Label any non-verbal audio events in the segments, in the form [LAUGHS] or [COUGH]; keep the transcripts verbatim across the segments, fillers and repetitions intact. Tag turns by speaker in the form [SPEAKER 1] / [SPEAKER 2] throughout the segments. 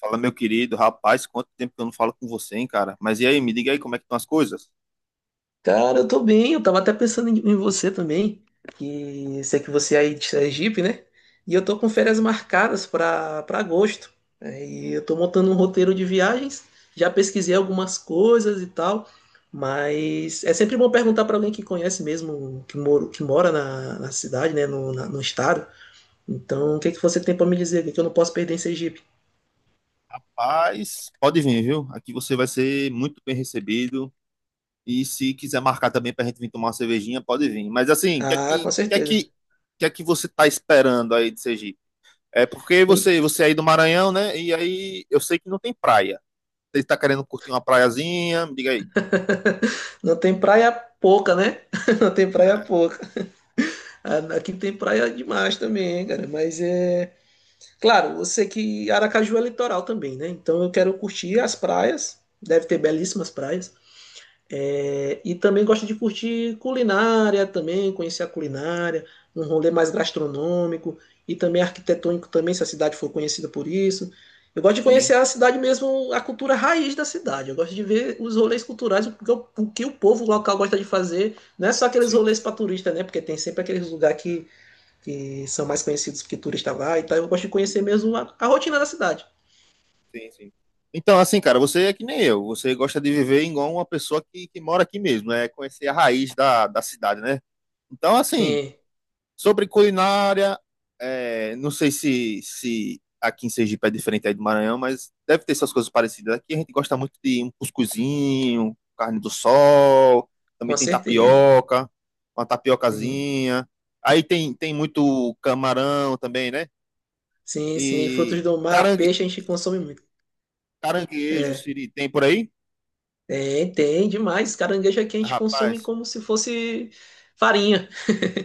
[SPEAKER 1] Fala, meu querido, rapaz, quanto tempo que eu não falo com você, hein, cara? Mas e aí, me diga aí como é que estão as coisas?
[SPEAKER 2] Cara, eu tô bem, eu tava até pensando em, em você também, que sei que você é aí de Sergipe, né? E eu tô com férias
[SPEAKER 1] Sim.
[SPEAKER 2] marcadas pra para agosto. É, E eu tô montando um roteiro de viagens, já pesquisei algumas coisas e tal, mas é sempre bom perguntar pra alguém que conhece mesmo, que, moro, que mora na, na cidade, né, no, na- no estado. Então, o que que você tem pra me dizer? O que que eu não posso perder em Sergipe?
[SPEAKER 1] Rapaz, pode vir, viu? Aqui você vai ser muito bem recebido. E se quiser marcar também pra gente vir tomar uma cervejinha, pode vir. Mas assim, o que é
[SPEAKER 2] Ah, com
[SPEAKER 1] que, que é
[SPEAKER 2] certeza.
[SPEAKER 1] que, que é que você tá esperando aí de Sergipe? É porque
[SPEAKER 2] Ih,
[SPEAKER 1] você, você é aí do Maranhão, né? E aí eu sei que não tem praia. Você tá querendo curtir uma praiazinha? Me diga aí.
[SPEAKER 2] [LAUGHS] Não tem praia pouca, né? [LAUGHS] Não tem praia
[SPEAKER 1] É,
[SPEAKER 2] pouca. A- Aqui tem praia demais também, cara. Mas é. Claro, eu sei que Aracaju é litoral também, né? Então eu quero curtir
[SPEAKER 1] sim,
[SPEAKER 2] as praias. Deve ter belíssimas praias. É, E também gosto de curtir culinária também, conhecer a culinária, um rolê mais gastronômico e também arquitetônico também, se a cidade for conhecida por isso. Eu gosto de
[SPEAKER 1] sim,
[SPEAKER 2] conhecer a cidade mesmo, a cultura raiz da cidade. Eu gosto de ver os rolês culturais, o que o o que o povo local gosta de fazer. Não é só aqueles
[SPEAKER 1] sim,
[SPEAKER 2] rolês
[SPEAKER 1] sim.
[SPEAKER 2] para turista, né? Porque tem sempre aqueles lugares que que são mais conhecidos porque turista vai e tal. Eu gosto de conhecer mesmo a, a rotina da cidade.
[SPEAKER 1] Sim, sim. Então, assim, cara, você é que nem eu. Você gosta de viver igual uma pessoa que, que mora aqui mesmo, né? Conhecer a raiz da, da cidade, né? Então, assim,
[SPEAKER 2] Sim,
[SPEAKER 1] sobre culinária, é, não sei se, se aqui em Sergipe é diferente aí do Maranhão, mas deve ter essas coisas parecidas. Aqui a gente gosta muito de um cuscuzinho, carne do sol, também
[SPEAKER 2] com
[SPEAKER 1] tem
[SPEAKER 2] certeza.
[SPEAKER 1] tapioca, uma
[SPEAKER 2] Sim,
[SPEAKER 1] tapiocazinha. Aí tem, tem muito camarão também, né?
[SPEAKER 2] sim, sim. Frutos
[SPEAKER 1] E
[SPEAKER 2] do mar,
[SPEAKER 1] carangue,
[SPEAKER 2] peixe a gente consome muito.
[SPEAKER 1] caranguejo,
[SPEAKER 2] É,
[SPEAKER 1] siri, tem por aí?
[SPEAKER 2] tem, tem demais. Caranguejo aqui a gente consome
[SPEAKER 1] Rapaz,
[SPEAKER 2] como se fosse farinha.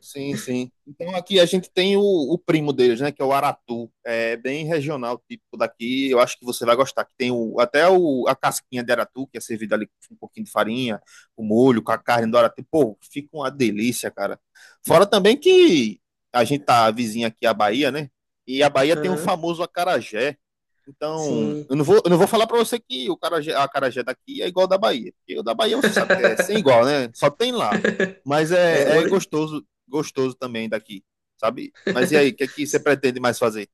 [SPEAKER 1] sim, sim. Então aqui a gente tem o, o primo deles, né? Que é o Aratu. É bem regional, típico daqui. Eu acho que você vai gostar. Que tem o, até o, a casquinha de Aratu, que é servida ali com um pouquinho de farinha, o molho, com a carne do Aratu. Pô, fica uma delícia, cara. Fora também que a gente tá vizinha aqui à Bahia, né? E a Bahia tem o
[SPEAKER 2] Aham,
[SPEAKER 1] famoso acarajé. Então,
[SPEAKER 2] sim.
[SPEAKER 1] eu não vou, eu não vou falar pra você que o carajé, a acarajé daqui é igual ao da Bahia. Porque o da Bahia você sabe que é sem igual,
[SPEAKER 2] [LAUGHS]
[SPEAKER 1] né? Só tem lá. Mas
[SPEAKER 2] É,
[SPEAKER 1] é, é
[SPEAKER 2] ouro.
[SPEAKER 1] gostoso gostoso também daqui, sabe? Mas e aí, o que é que você pretende mais fazer?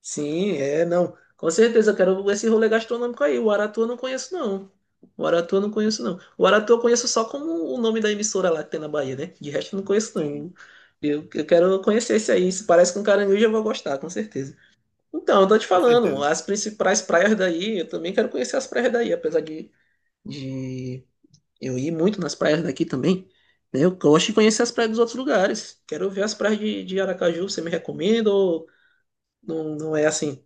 [SPEAKER 2] Sim, é, não. Com certeza, eu quero esse rolê gastronômico aí. O Aratu eu não conheço, não. O Aratu eu não conheço, não. O Aratu eu conheço só como o nome da emissora lá que tem na Bahia, né? De resto eu não conheço,
[SPEAKER 1] Sim,
[SPEAKER 2] não. Eu, eu quero conhecer esse aí. Se parece com caranguejo, eu vou gostar, com certeza. Então, eu tô te
[SPEAKER 1] com
[SPEAKER 2] falando,
[SPEAKER 1] certeza.
[SPEAKER 2] as principais praias daí, eu também quero conhecer as praias daí, apesar de, de eu ir muito nas praias daqui também. Né? Eu gosto de conhecer as praias dos outros lugares. Quero ver as praias de, de Aracaju. Você me recomenda ou não, não é assim?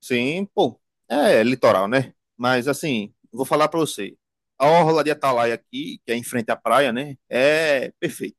[SPEAKER 1] Sim, pô, é litoral, né? Mas assim, vou falar pra você. A orla de Atalaia aqui, que é em frente à praia, né? É perfeita.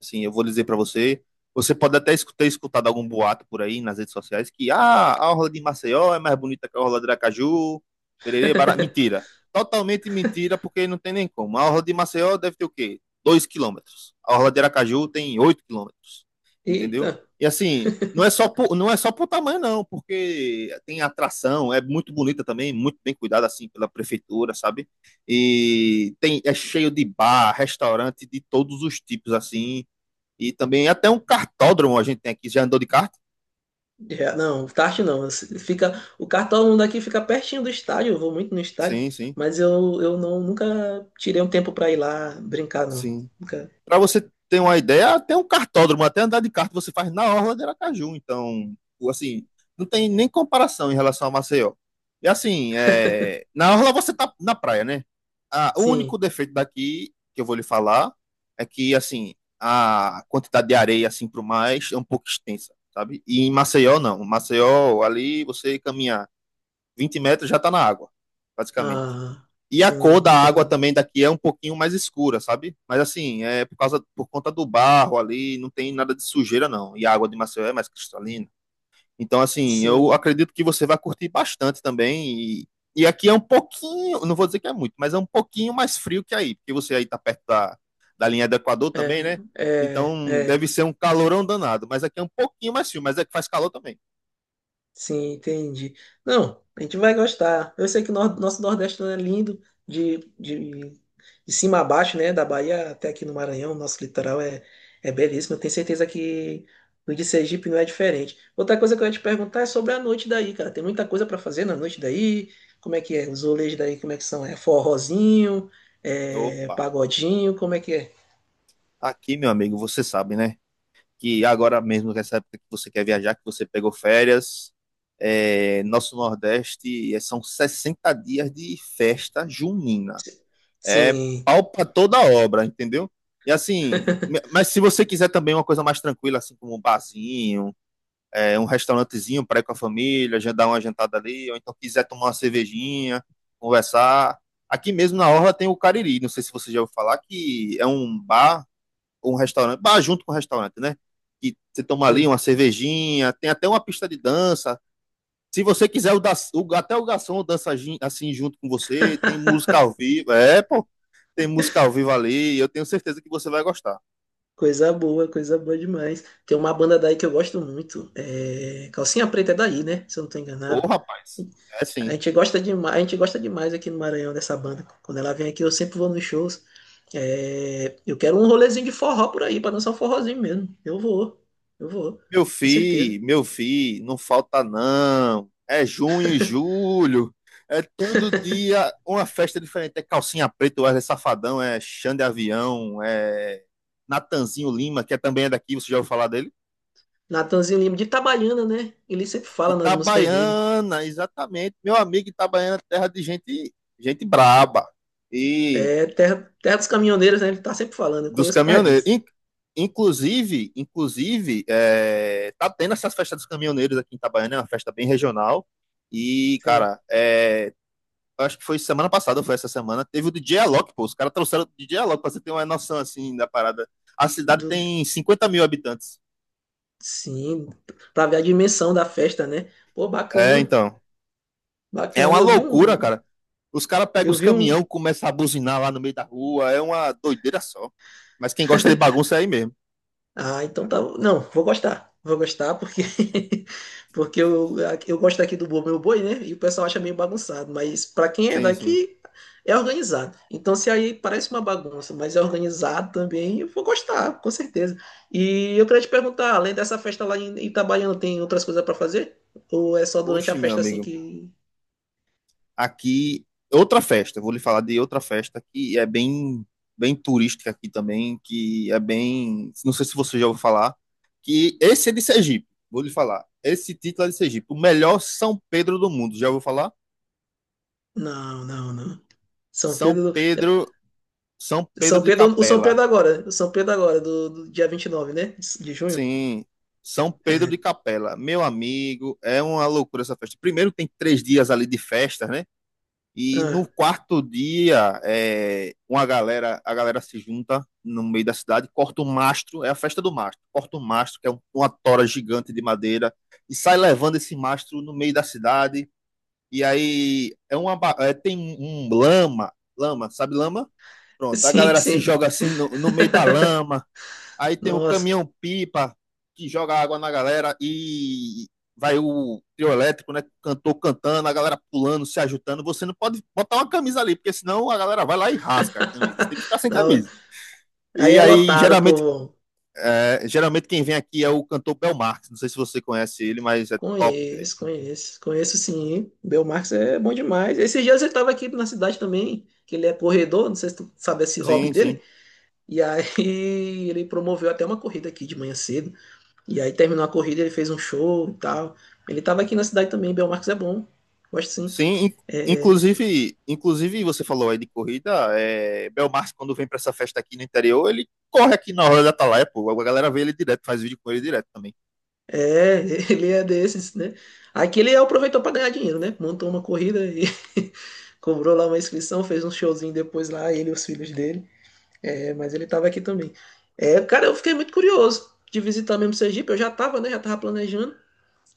[SPEAKER 1] Assim, eu vou dizer para você, você pode até escu- ter escutado algum boato por aí nas redes sociais que ah, a orla de Maceió é mais bonita que a orla de Aracaju, pererê, bará. Mentira. Totalmente mentira, porque não tem nem como. A orla de Maceió deve ter o quê? Dois quilômetros. A orla de Aracaju tem oito quilômetros.
[SPEAKER 2] Eita.
[SPEAKER 1] Entendeu? E assim, não é só por, não é só por tamanho, não, porque tem atração, é muito bonita também, muito bem cuidada assim pela prefeitura, sabe? E tem, é cheio de bar, restaurante de todos os tipos, assim. E também até um cartódromo a gente tem aqui. Já andou de kart?
[SPEAKER 2] Já- não, tarde não. Você Fica, o kart todo mundo aqui fica pertinho do estádio. Eu vou muito no estádio,
[SPEAKER 1] Sim, sim,
[SPEAKER 2] mas eu, eu não, nunca tirei um tempo pra ir lá brincar, não.
[SPEAKER 1] sim.
[SPEAKER 2] Nunca.
[SPEAKER 1] Para você ter uma ideia, até um cartódromo, até andar de kart você faz na orla de Aracaju. Então, assim, não tem nem comparação em relação a Maceió. E assim, é, na orla você tá na praia, né? Ah, o único
[SPEAKER 2] Sim.
[SPEAKER 1] defeito daqui que eu vou lhe falar é que assim a quantidade de areia assim pro mais é um pouco extensa, sabe? E em Maceió não. Em Maceió ali você caminhar vinte metros já tá na água, basicamente.
[SPEAKER 2] Ah,
[SPEAKER 1] E a cor
[SPEAKER 2] sim,
[SPEAKER 1] da água
[SPEAKER 2] entendi.
[SPEAKER 1] também daqui é um pouquinho mais escura, sabe? Mas assim, é por causa, por conta do barro ali, não tem nada de sujeira não. E a água de Maceió é mais cristalina. Então assim, eu
[SPEAKER 2] Sim.
[SPEAKER 1] acredito que você vai curtir bastante também. E, e aqui é um pouquinho, não vou dizer que é muito, mas é um pouquinho mais frio que aí, porque você aí tá perto da, da linha do Equador também,
[SPEAKER 2] É,
[SPEAKER 1] né?
[SPEAKER 2] é,
[SPEAKER 1] Então deve
[SPEAKER 2] é.
[SPEAKER 1] ser um calorão danado, mas aqui é um pouquinho mais frio, mas é que faz calor também.
[SPEAKER 2] Sim, entendi. Não, a gente vai gostar. Eu sei que o nor- nosso Nordeste é lindo, de, de, de cima a baixo, né? Da Bahia até aqui no Maranhão, nosso litoral é, é belíssimo. Eu tenho certeza que o de Sergipe não é diferente. Outra coisa que eu ia te perguntar é sobre a noite daí, cara. Tem muita coisa para fazer na noite daí? Como é que é? Os rolês daí, como é que são? É forrozinho? É
[SPEAKER 1] Opa,
[SPEAKER 2] pagodinho? Como é que é?
[SPEAKER 1] aqui meu amigo, você sabe, né? Que agora mesmo, nessa época que você quer viajar, que você pegou férias, é, nosso Nordeste é, são sessenta dias de festa junina. É
[SPEAKER 2] Sim.
[SPEAKER 1] pau pra toda obra, entendeu? E assim, me- mas se você quiser também uma coisa mais tranquila, assim como um barzinho, é, um restaurantezinho para ir com a família, já dar uma jantada ali, ou então quiser tomar uma cervejinha, conversar. Aqui mesmo na Orla tem o Cariri, não sei se você já ouviu falar, que é um bar um restaurante, bar junto com o restaurante, né? Que você toma ali
[SPEAKER 2] Sim.
[SPEAKER 1] uma cervejinha, tem até uma pista de dança. Se você quiser, o da, o, até o garçom dança assim junto com você, tem
[SPEAKER 2] [LAUGHS]
[SPEAKER 1] música ao vivo. É, pô, tem música ao vivo ali. Eu tenho certeza que você vai gostar.
[SPEAKER 2] Coisa boa, coisa boa demais. Tem uma banda daí que eu gosto muito. É... Calcinha Preta é daí, né? Se eu não tô
[SPEAKER 1] Ô,
[SPEAKER 2] enganado.
[SPEAKER 1] rapaz, é
[SPEAKER 2] A
[SPEAKER 1] sim.
[SPEAKER 2] gente gosta demais, a gente gosta demais aqui no Maranhão dessa banda. Quando ela vem aqui, eu sempre vou nos shows. É, Eu quero um rolezinho de forró por aí, pra dançar um forrozinho mesmo. Eu vou, eu vou,
[SPEAKER 1] Meu
[SPEAKER 2] com certeza.
[SPEAKER 1] filho, meu filho, não falta não. É junho e julho. É todo dia uma festa diferente. É calcinha preta, Wesley Safadão, é Xande Avião, é Natanzinho Lima, que é também é daqui, você já ouviu falar dele?
[SPEAKER 2] Natanzinho Lima de Itabaiana, né? Ele sempre
[SPEAKER 1] De
[SPEAKER 2] fala nas músicas dele.
[SPEAKER 1] Itabaiana, exatamente. Meu amigo Itabaiana, terra de gente, gente braba. E
[SPEAKER 2] É terra, terra dos caminhoneiros, né? Ele tá sempre falando, eu
[SPEAKER 1] dos
[SPEAKER 2] conheço por causa
[SPEAKER 1] caminhoneiros.
[SPEAKER 2] disso.
[SPEAKER 1] In- Inclusive, inclusive, é, tá tendo essas festas dos caminhoneiros aqui em Itabaiana, é uma festa bem regional. E,
[SPEAKER 2] Sim.
[SPEAKER 1] cara, é, acho que foi semana passada, ou foi essa semana, teve o D J Alok, pô. Os caras trouxeram o D J Alok, pra você ter uma noção, assim, da parada. A cidade
[SPEAKER 2] Do,
[SPEAKER 1] tem cinquenta mil habitantes.
[SPEAKER 2] Sim, pra ver a dimensão da festa, né? Pô,
[SPEAKER 1] É,
[SPEAKER 2] bacana,
[SPEAKER 1] então. É
[SPEAKER 2] bacana.
[SPEAKER 1] uma
[SPEAKER 2] Eu vi
[SPEAKER 1] loucura,
[SPEAKER 2] um,
[SPEAKER 1] cara. Os caras pegam
[SPEAKER 2] eu
[SPEAKER 1] os
[SPEAKER 2] vi um.
[SPEAKER 1] caminhão, começam a buzinar lá no meio da rua. É uma doideira só. Mas quem gosta de bagunça é aí mesmo.
[SPEAKER 2] Ah, então tá. Não, vou gostar, vou gostar porque [LAUGHS] porque eu, eu gosto aqui do Boi Meu Boi, né? E o pessoal acha meio bagunçado, mas pra quem é
[SPEAKER 1] Sim, sim.
[SPEAKER 2] daqui é organizado. Então se aí parece uma bagunça, mas é organizado também, eu vou gostar, com certeza. E eu queria te perguntar, além dessa festa lá em Itabaiana, tem outras coisas pra fazer? Ou é só durante a
[SPEAKER 1] Oxe, meu
[SPEAKER 2] festa assim
[SPEAKER 1] amigo.
[SPEAKER 2] que?
[SPEAKER 1] Aqui, outra festa, eu vou lhe falar de outra festa que é bem, bem turística aqui também, que é bem, não sei se você já ouviu falar, que esse é de Sergipe, vou lhe falar. Esse título é de Sergipe, o melhor São Pedro do mundo, já ouviu falar?
[SPEAKER 2] Não, não, não. São
[SPEAKER 1] São
[SPEAKER 2] Pedro
[SPEAKER 1] Pedro, São Pedro
[SPEAKER 2] São
[SPEAKER 1] de
[SPEAKER 2] Pedro, o São
[SPEAKER 1] Capela.
[SPEAKER 2] Pedro agora, o São Pedro agora, do, do dia vinte e nove, né? De de junho.
[SPEAKER 1] Sim, São Pedro de
[SPEAKER 2] É.
[SPEAKER 1] Capela. Meu amigo, é uma loucura essa festa. Primeiro tem três dias ali de festa, né? E
[SPEAKER 2] Ah,
[SPEAKER 1] no quarto dia, é, uma galera, a galera se junta no meio da cidade, corta o mastro, é a festa do mastro, corta o mastro, que é um- uma tora gigante de madeira, e sai levando esse mastro no meio da cidade. E aí é uma, ba- é, tem um lama, lama, sabe lama? Pronto, a
[SPEAKER 2] sim,
[SPEAKER 1] galera se
[SPEAKER 2] sim.
[SPEAKER 1] joga assim no, no meio da
[SPEAKER 2] [LAUGHS]
[SPEAKER 1] lama. Aí tem o
[SPEAKER 2] Nossa.
[SPEAKER 1] caminhão pipa que joga água na galera e vai o trio elétrico, né? Cantor cantando, a galera pulando, se ajudando. Você não pode botar uma camisa ali, porque senão a galera vai lá e rasga a camisa. Você tem que
[SPEAKER 2] [LAUGHS]
[SPEAKER 1] ficar sem
[SPEAKER 2] Não,
[SPEAKER 1] camisa.
[SPEAKER 2] aí
[SPEAKER 1] E
[SPEAKER 2] é
[SPEAKER 1] aí,
[SPEAKER 2] lotado,
[SPEAKER 1] geralmente,
[SPEAKER 2] povo.
[SPEAKER 1] é, geralmente quem vem aqui é o cantor Bel Marx. Não sei se você conhece ele, mas é top, velho.
[SPEAKER 2] Conheço, conheço, conheço, sim. Belmarx é bom demais. Esses dias ele tava aqui na cidade também, que ele é corredor, não sei se tu sabe esse hobby
[SPEAKER 1] Sim, sim.
[SPEAKER 2] dele. E aí [LAUGHS] ele promoveu até uma corrida aqui de manhã cedo. E aí terminou a corrida, ele fez um show e tal. Ele tava aqui na cidade também, Belmarx é bom. Gosto, sim.
[SPEAKER 1] Sim, in-
[SPEAKER 2] É,
[SPEAKER 1] inclusive, inclusive você falou aí de corrida, é, Belmarce quando vem pra essa festa aqui no interior, ele corre aqui na hora da Atalaia, pô, a galera vê ele direto, faz vídeo com ele direto também.
[SPEAKER 2] É, [LAUGHS] Ele é desses, né? Aqui ele aproveitou para ganhar dinheiro, né? Montou uma corrida e [LAUGHS] cobrou lá uma inscrição, fez um showzinho depois lá, ele e os filhos dele. É, mas ele tava aqui também. É, Cara, eu fiquei muito curioso de visitar mesmo Sergipe. Eu já tava, né? Já tava planejando.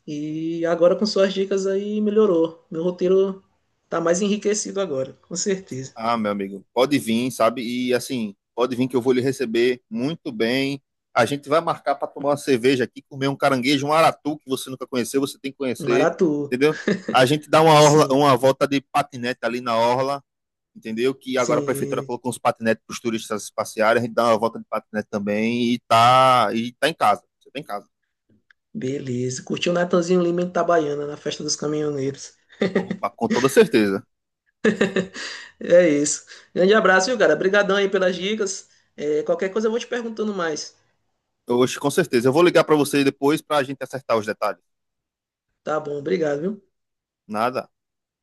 [SPEAKER 2] E agora com suas dicas aí melhorou. Meu roteiro tá mais enriquecido agora, com certeza.
[SPEAKER 1] Ah, meu amigo, pode vir, sabe? E assim, pode vir que eu vou lhe receber muito bem. A gente vai marcar pra tomar uma cerveja aqui, comer um caranguejo, um aratu que você nunca conheceu, você tem que conhecer,
[SPEAKER 2] Maratu,
[SPEAKER 1] entendeu? A gente dá uma orla-
[SPEAKER 2] sim,
[SPEAKER 1] uma volta de patinete ali na orla, entendeu? Que agora a prefeitura
[SPEAKER 2] sim.
[SPEAKER 1] colocou uns patinetes para os turistas passearem, a gente dá uma volta de patinete também e tá, e tá em casa. Você tá em casa.
[SPEAKER 2] Beleza. Curtiu o Natanzinho Lima em Itabaiana, na festa dos caminhoneiros.
[SPEAKER 1] Opa, com toda certeza.
[SPEAKER 2] É isso. Grande abraço, viu, cara? Obrigadão aí pelas dicas. É, qualquer coisa eu vou te perguntando mais.
[SPEAKER 1] Hoje, com certeza. Eu vou ligar para você depois para a gente acertar os detalhes.
[SPEAKER 2] Tá bom, obrigado, viu?
[SPEAKER 1] Nada.